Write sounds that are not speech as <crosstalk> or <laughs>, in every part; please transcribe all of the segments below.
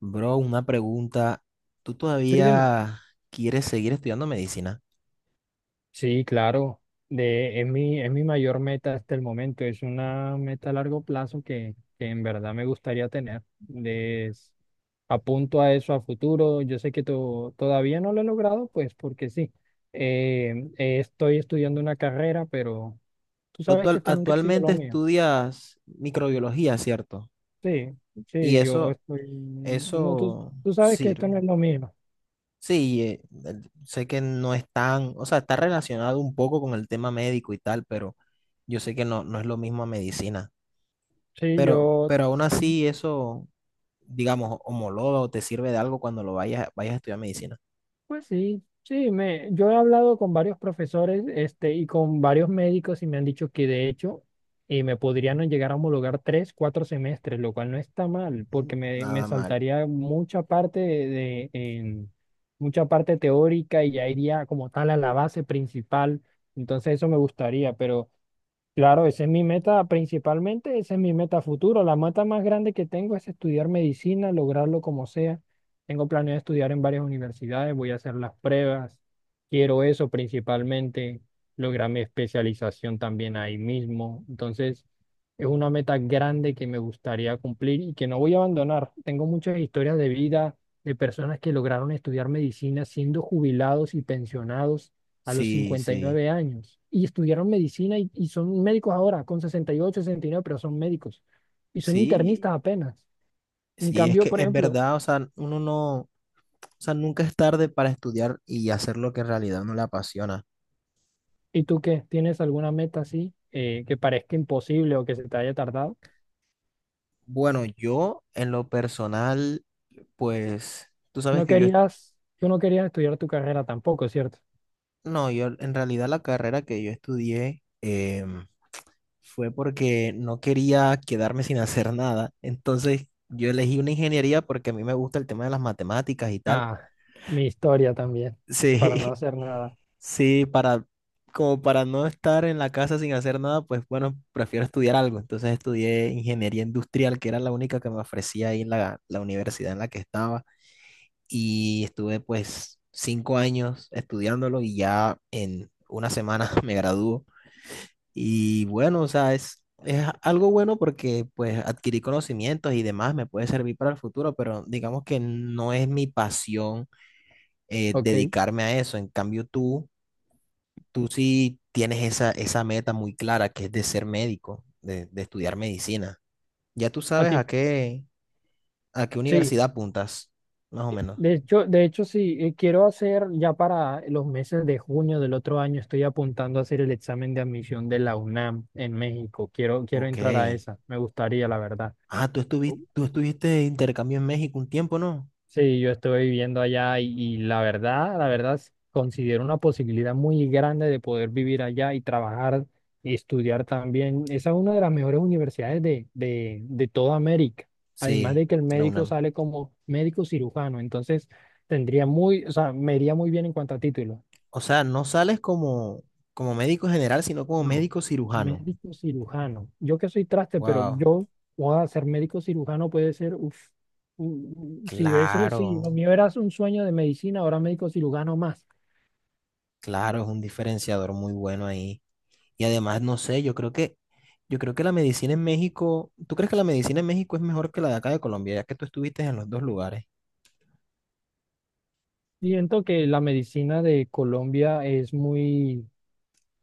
Bro, una pregunta. ¿Tú Sí, dime. todavía quieres seguir estudiando medicina? Sí, claro. De, es mi mayor meta hasta el momento. Es una meta a largo plazo que en verdad me gustaría tener. Les apunto a eso a futuro. Yo sé que todavía no lo he logrado, pues porque sí. Estoy estudiando una carrera, pero tú Tú sabes que actual- esto nunca ha sido actualmente lo mío. estudias microbiología, ¿cierto? Sí, Y sí, yo eso, estoy... No, tú, eso tú sabes que esto no sirve. es lo mío. Sí, sé que no es tan, o sea, está relacionado un poco con el tema médico y tal, pero yo sé que no es lo mismo a medicina. Sí, Pero, yo... pero aún así eso, digamos, homologa o te sirve de algo cuando lo vayas a estudiar medicina. Pues sí, sí, me, yo he hablado con varios profesores, y con varios médicos y me han dicho que de hecho me podrían llegar a homologar tres, cuatro semestres, lo cual no está mal, Mm, porque me nada mal. saltaría mucha parte de, mucha parte teórica y ya iría como tal a la base principal. Entonces eso me gustaría, pero claro, esa es mi meta principalmente, esa es mi meta futuro. La meta más grande que tengo es estudiar medicina, lograrlo como sea. Tengo planeado estudiar en varias universidades, voy a hacer las pruebas. Quiero eso principalmente, lograr mi especialización también ahí mismo. Entonces, es una meta grande que me gustaría cumplir y que no voy a abandonar. Tengo muchas historias de vida de personas que lograron estudiar medicina siendo jubilados y pensionados a los Sí, cincuenta y sí. nueve años y estudiaron medicina y son médicos ahora, con sesenta y nueve pero son médicos y son Sí, internistas apenas. En sí, es cambio, que por es ejemplo, verdad, o sea, uno no, o sea, nunca es tarde para estudiar y hacer lo que en realidad no le apasiona. ¿y tú qué? ¿Tienes alguna meta así que parezca imposible o que se te haya tardado? Bueno, yo en lo personal, pues, tú sabes No que querías, tú no querías estudiar tu carrera tampoco, ¿cierto? no, yo en realidad la carrera que yo estudié fue porque no quería quedarme sin hacer nada. Entonces, yo elegí una ingeniería porque a mí me gusta el tema de las matemáticas y tal. Ah, mi historia también, para no Sí, hacer nada. <laughs> Sí, como para no estar en la casa sin hacer nada, pues bueno, prefiero estudiar algo. Entonces estudié ingeniería industrial, que era la única que me ofrecía ahí en la universidad en la que estaba. Y estuve pues 5 años estudiándolo y ya en una semana <laughs> me graduó. Y bueno, o sea, es algo bueno porque pues adquirí conocimientos y demás, me puede servir para el futuro, pero digamos que no es mi pasión Ok. dedicarme a eso. En cambio, tú sí tienes esa meta muy clara que es de ser médico, de estudiar medicina. Ya tú A sabes ti, a qué sí. universidad apuntas, más o menos. De hecho, sí, quiero hacer ya para los meses de junio del otro año, estoy apuntando a hacer el examen de admisión de la UNAM en México. Quiero, quiero Ok. entrar a esa, me gustaría, la verdad. Ah, tú estuviste de intercambio en México un tiempo, ¿no? Sí, yo estuve viviendo allá y la verdad, considero una posibilidad muy grande de poder vivir allá y trabajar y estudiar también. Esa es una de las mejores universidades de toda América. Además Sí, de que el la médico UNAM. sale como médico cirujano, entonces tendría muy, o sea, me iría muy bien en cuanto a título. O sea, no sales como, como médico general, sino como No, médico cirujano. médico cirujano. Yo que soy traste, pero Wow. yo, a ser médico cirujano puede ser, uff, si ves, si Claro, lo mío era un sueño de medicina, ahora médico cirujano más. claro, es un diferenciador muy bueno ahí. Y además, no sé, yo creo que la medicina en México, ¿tú crees que la medicina en México es mejor que la de acá de Colombia, ya que tú estuviste en los dos lugares? Siento que la medicina de Colombia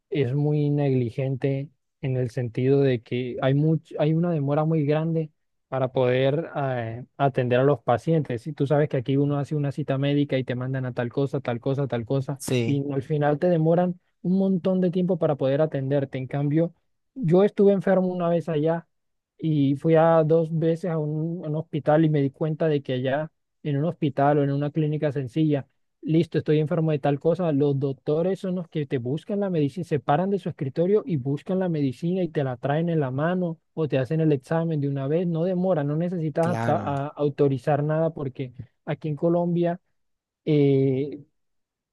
es muy negligente en el sentido de que hay hay una demora muy grande para poder atender a los pacientes. Y tú sabes que aquí uno hace una cita médica y te mandan a tal cosa, tal cosa, tal cosa, y Sí, no, al final te demoran un montón de tiempo para poder atenderte. En cambio, yo estuve enfermo una vez allá y fui a dos veces a un hospital y me di cuenta de que allá en un hospital o en una clínica sencilla, listo, estoy enfermo de tal cosa. Los doctores son los que te buscan la medicina, se paran de su escritorio y buscan la medicina y te la traen en la mano o te hacen el examen de una vez. No demora, no necesitas claro. Autorizar nada porque aquí en Colombia eh,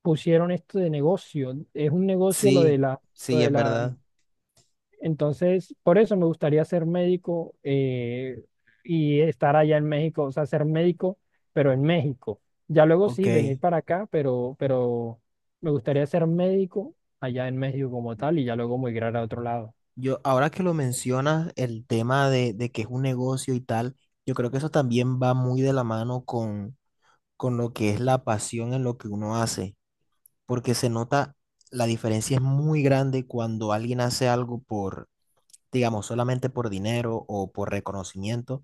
pusieron esto de negocio. Es un negocio lo de Sí, la, lo sí, de es la verdad. Entonces, por eso me gustaría ser médico y estar allá en México, o sea, ser médico, pero en México. Ya luego Ok. sí, venir para acá, pero me gustaría ser médico allá en México como tal y ya luego migrar a otro lado. Yo, ahora que lo mencionas, el tema de que es un negocio y tal, yo creo que eso también va muy de la mano con lo que es la pasión en lo que uno hace, porque se nota, la diferencia es muy grande cuando alguien hace algo por digamos, solamente por dinero o por reconocimiento,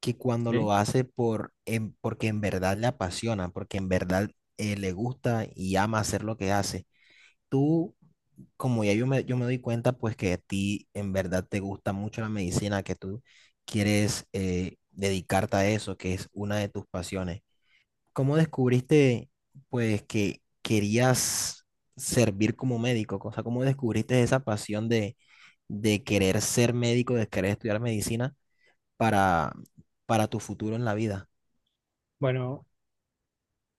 que cuando ¿Sí? lo hace porque en verdad le apasiona, porque en verdad le gusta y ama hacer lo que hace. Tú, como ya yo me doy cuenta, pues que a ti en verdad te gusta mucho la medicina, que tú quieres dedicarte a eso, que es una de tus pasiones. ¿Cómo descubriste, pues, que querías servir como médico? O sea, ¿cómo descubriste esa pasión de querer ser médico, de querer estudiar medicina para, para tu futuro en la vida? Bueno,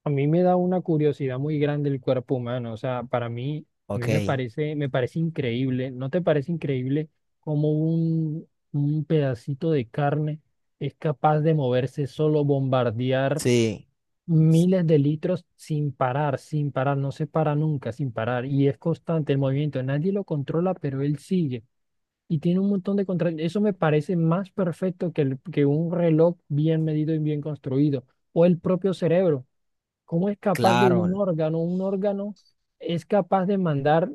a mí me da una curiosidad muy grande el cuerpo humano, o sea, para mí, a Ok, mí me parece increíble, ¿no te parece increíble cómo un pedacito de carne es capaz de moverse solo, bombardear sí, s- miles de litros sin parar, sin parar, no se para nunca, sin parar? Y es constante el movimiento, nadie lo controla, pero él sigue. Y tiene un montón de contra. Eso me parece más perfecto que, que un reloj bien medido y bien construido. O el propio cerebro. ¿Cómo es capaz de claro, un órgano? Un órgano es capaz de mandar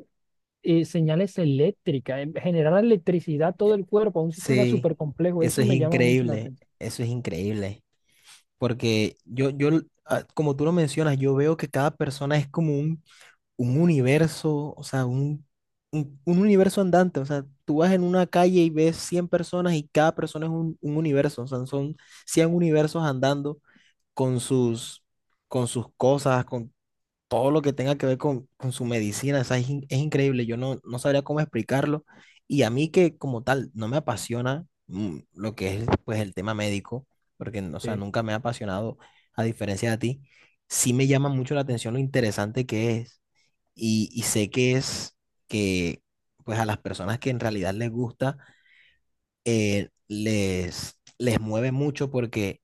señales eléctricas, generar electricidad a todo el cuerpo, a un sistema sí, súper complejo. eso Eso es me llama mucho la increíble, atención. eso es increíble, porque ah, como tú lo mencionas, yo veo que cada persona es como un universo, o sea, un universo andante, o sea, tú vas en una calle y ves 100 personas y cada persona es un universo, o sea, son 100 universos andando con sus, con sus cosas, con todo lo que tenga que ver con su medicina, o sea, es increíble, yo no sabría cómo explicarlo y a mí que como tal no me apasiona lo que es pues el tema médico, porque, o sea, nunca me ha apasionado a diferencia de ti, sí me llama mucho la atención lo interesante que es y sé que es que pues a las personas que en realidad les gusta, les mueve mucho porque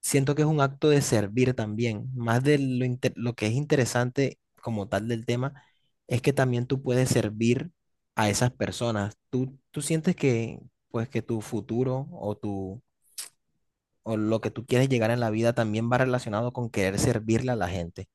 siento que es un acto de servir también, más de lo que es interesante como tal del tema, es que también tú puedes servir a esas personas. Tú sientes que pues que tu futuro o tu o lo que tú quieres llegar en la vida también va relacionado con querer servirle a la gente,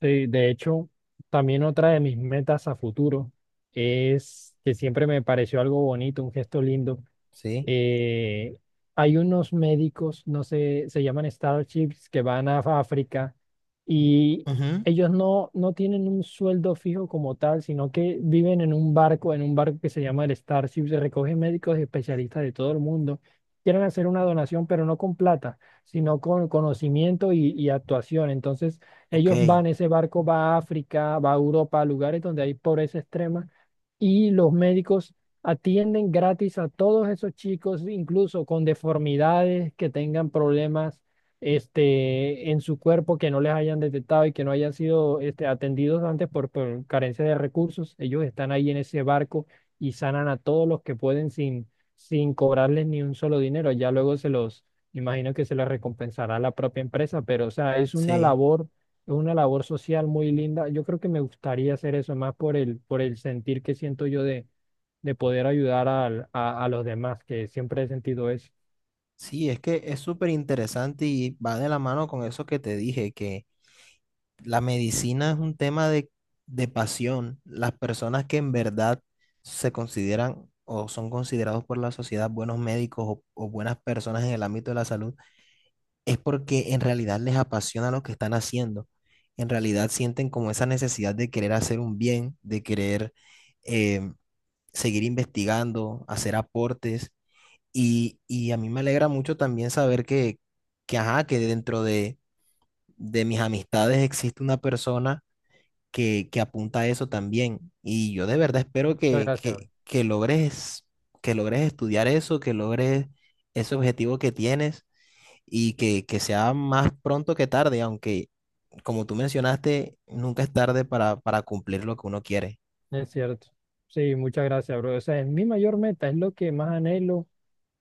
Sí, de hecho, también otra de mis metas a futuro es que siempre me pareció algo bonito, un gesto lindo, ¿sí? eh, hay unos médicos, no sé, se llaman Starships, que van a África y Ujú. ellos no, no tienen un sueldo fijo como tal, sino que viven en un barco que se llama el Starship, se recogen médicos y especialistas de todo el mundo. Quieren hacer una donación, pero no con plata, sino con conocimiento y actuación. Entonces, Ok, ellos van, ese barco va a África, va a Europa, a lugares donde hay pobreza extrema, y los médicos atienden gratis a todos esos chicos, incluso con deformidades, que tengan problemas en su cuerpo que no les hayan detectado y que no hayan sido atendidos antes por carencia de recursos. Ellos están ahí en ese barco y sanan a todos los que pueden sin, sin cobrarles ni un solo dinero. Ya luego se los, imagino que se los recompensará la propia empresa, pero o sea, es una sí. labor. Es una labor social muy linda. Yo creo que me gustaría hacer eso más por el sentir que siento yo de poder ayudar a los demás, que siempre he sentido eso. Sí, es que es súper interesante y va de la mano con eso que te dije, que la medicina es un tema de pasión. Las personas que en verdad se consideran o son considerados por la sociedad buenos médicos o buenas personas en el ámbito de la salud, es porque en realidad les apasiona lo que están haciendo. En realidad sienten como esa necesidad de querer hacer un bien, de querer eh, seguir investigando, hacer aportes. Y a mí me alegra mucho también saber ajá, que dentro de mis amistades existe una persona que apunta a eso también. Y yo de verdad espero Muchas que, gracias, bro. que, que logres, que logres estudiar eso, que logres ese objetivo que tienes y que sea más pronto que tarde, aunque como tú mencionaste, nunca es tarde para cumplir lo que uno quiere. Es cierto. Sí, muchas gracias, bro. O sea, es mi mayor meta, es lo que más anhelo,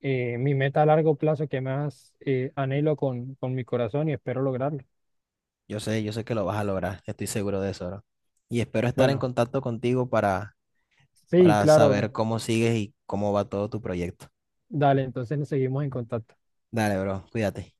mi meta a largo plazo que más anhelo con mi corazón y espero lograrlo. Yo sé que lo vas a lograr, estoy seguro de eso, bro. Y espero estar en Bueno, contacto contigo para sí, para claro, bro. saber cómo sigues y cómo va todo tu proyecto. Dale, entonces nos seguimos en contacto. Dale, bro, cuídate.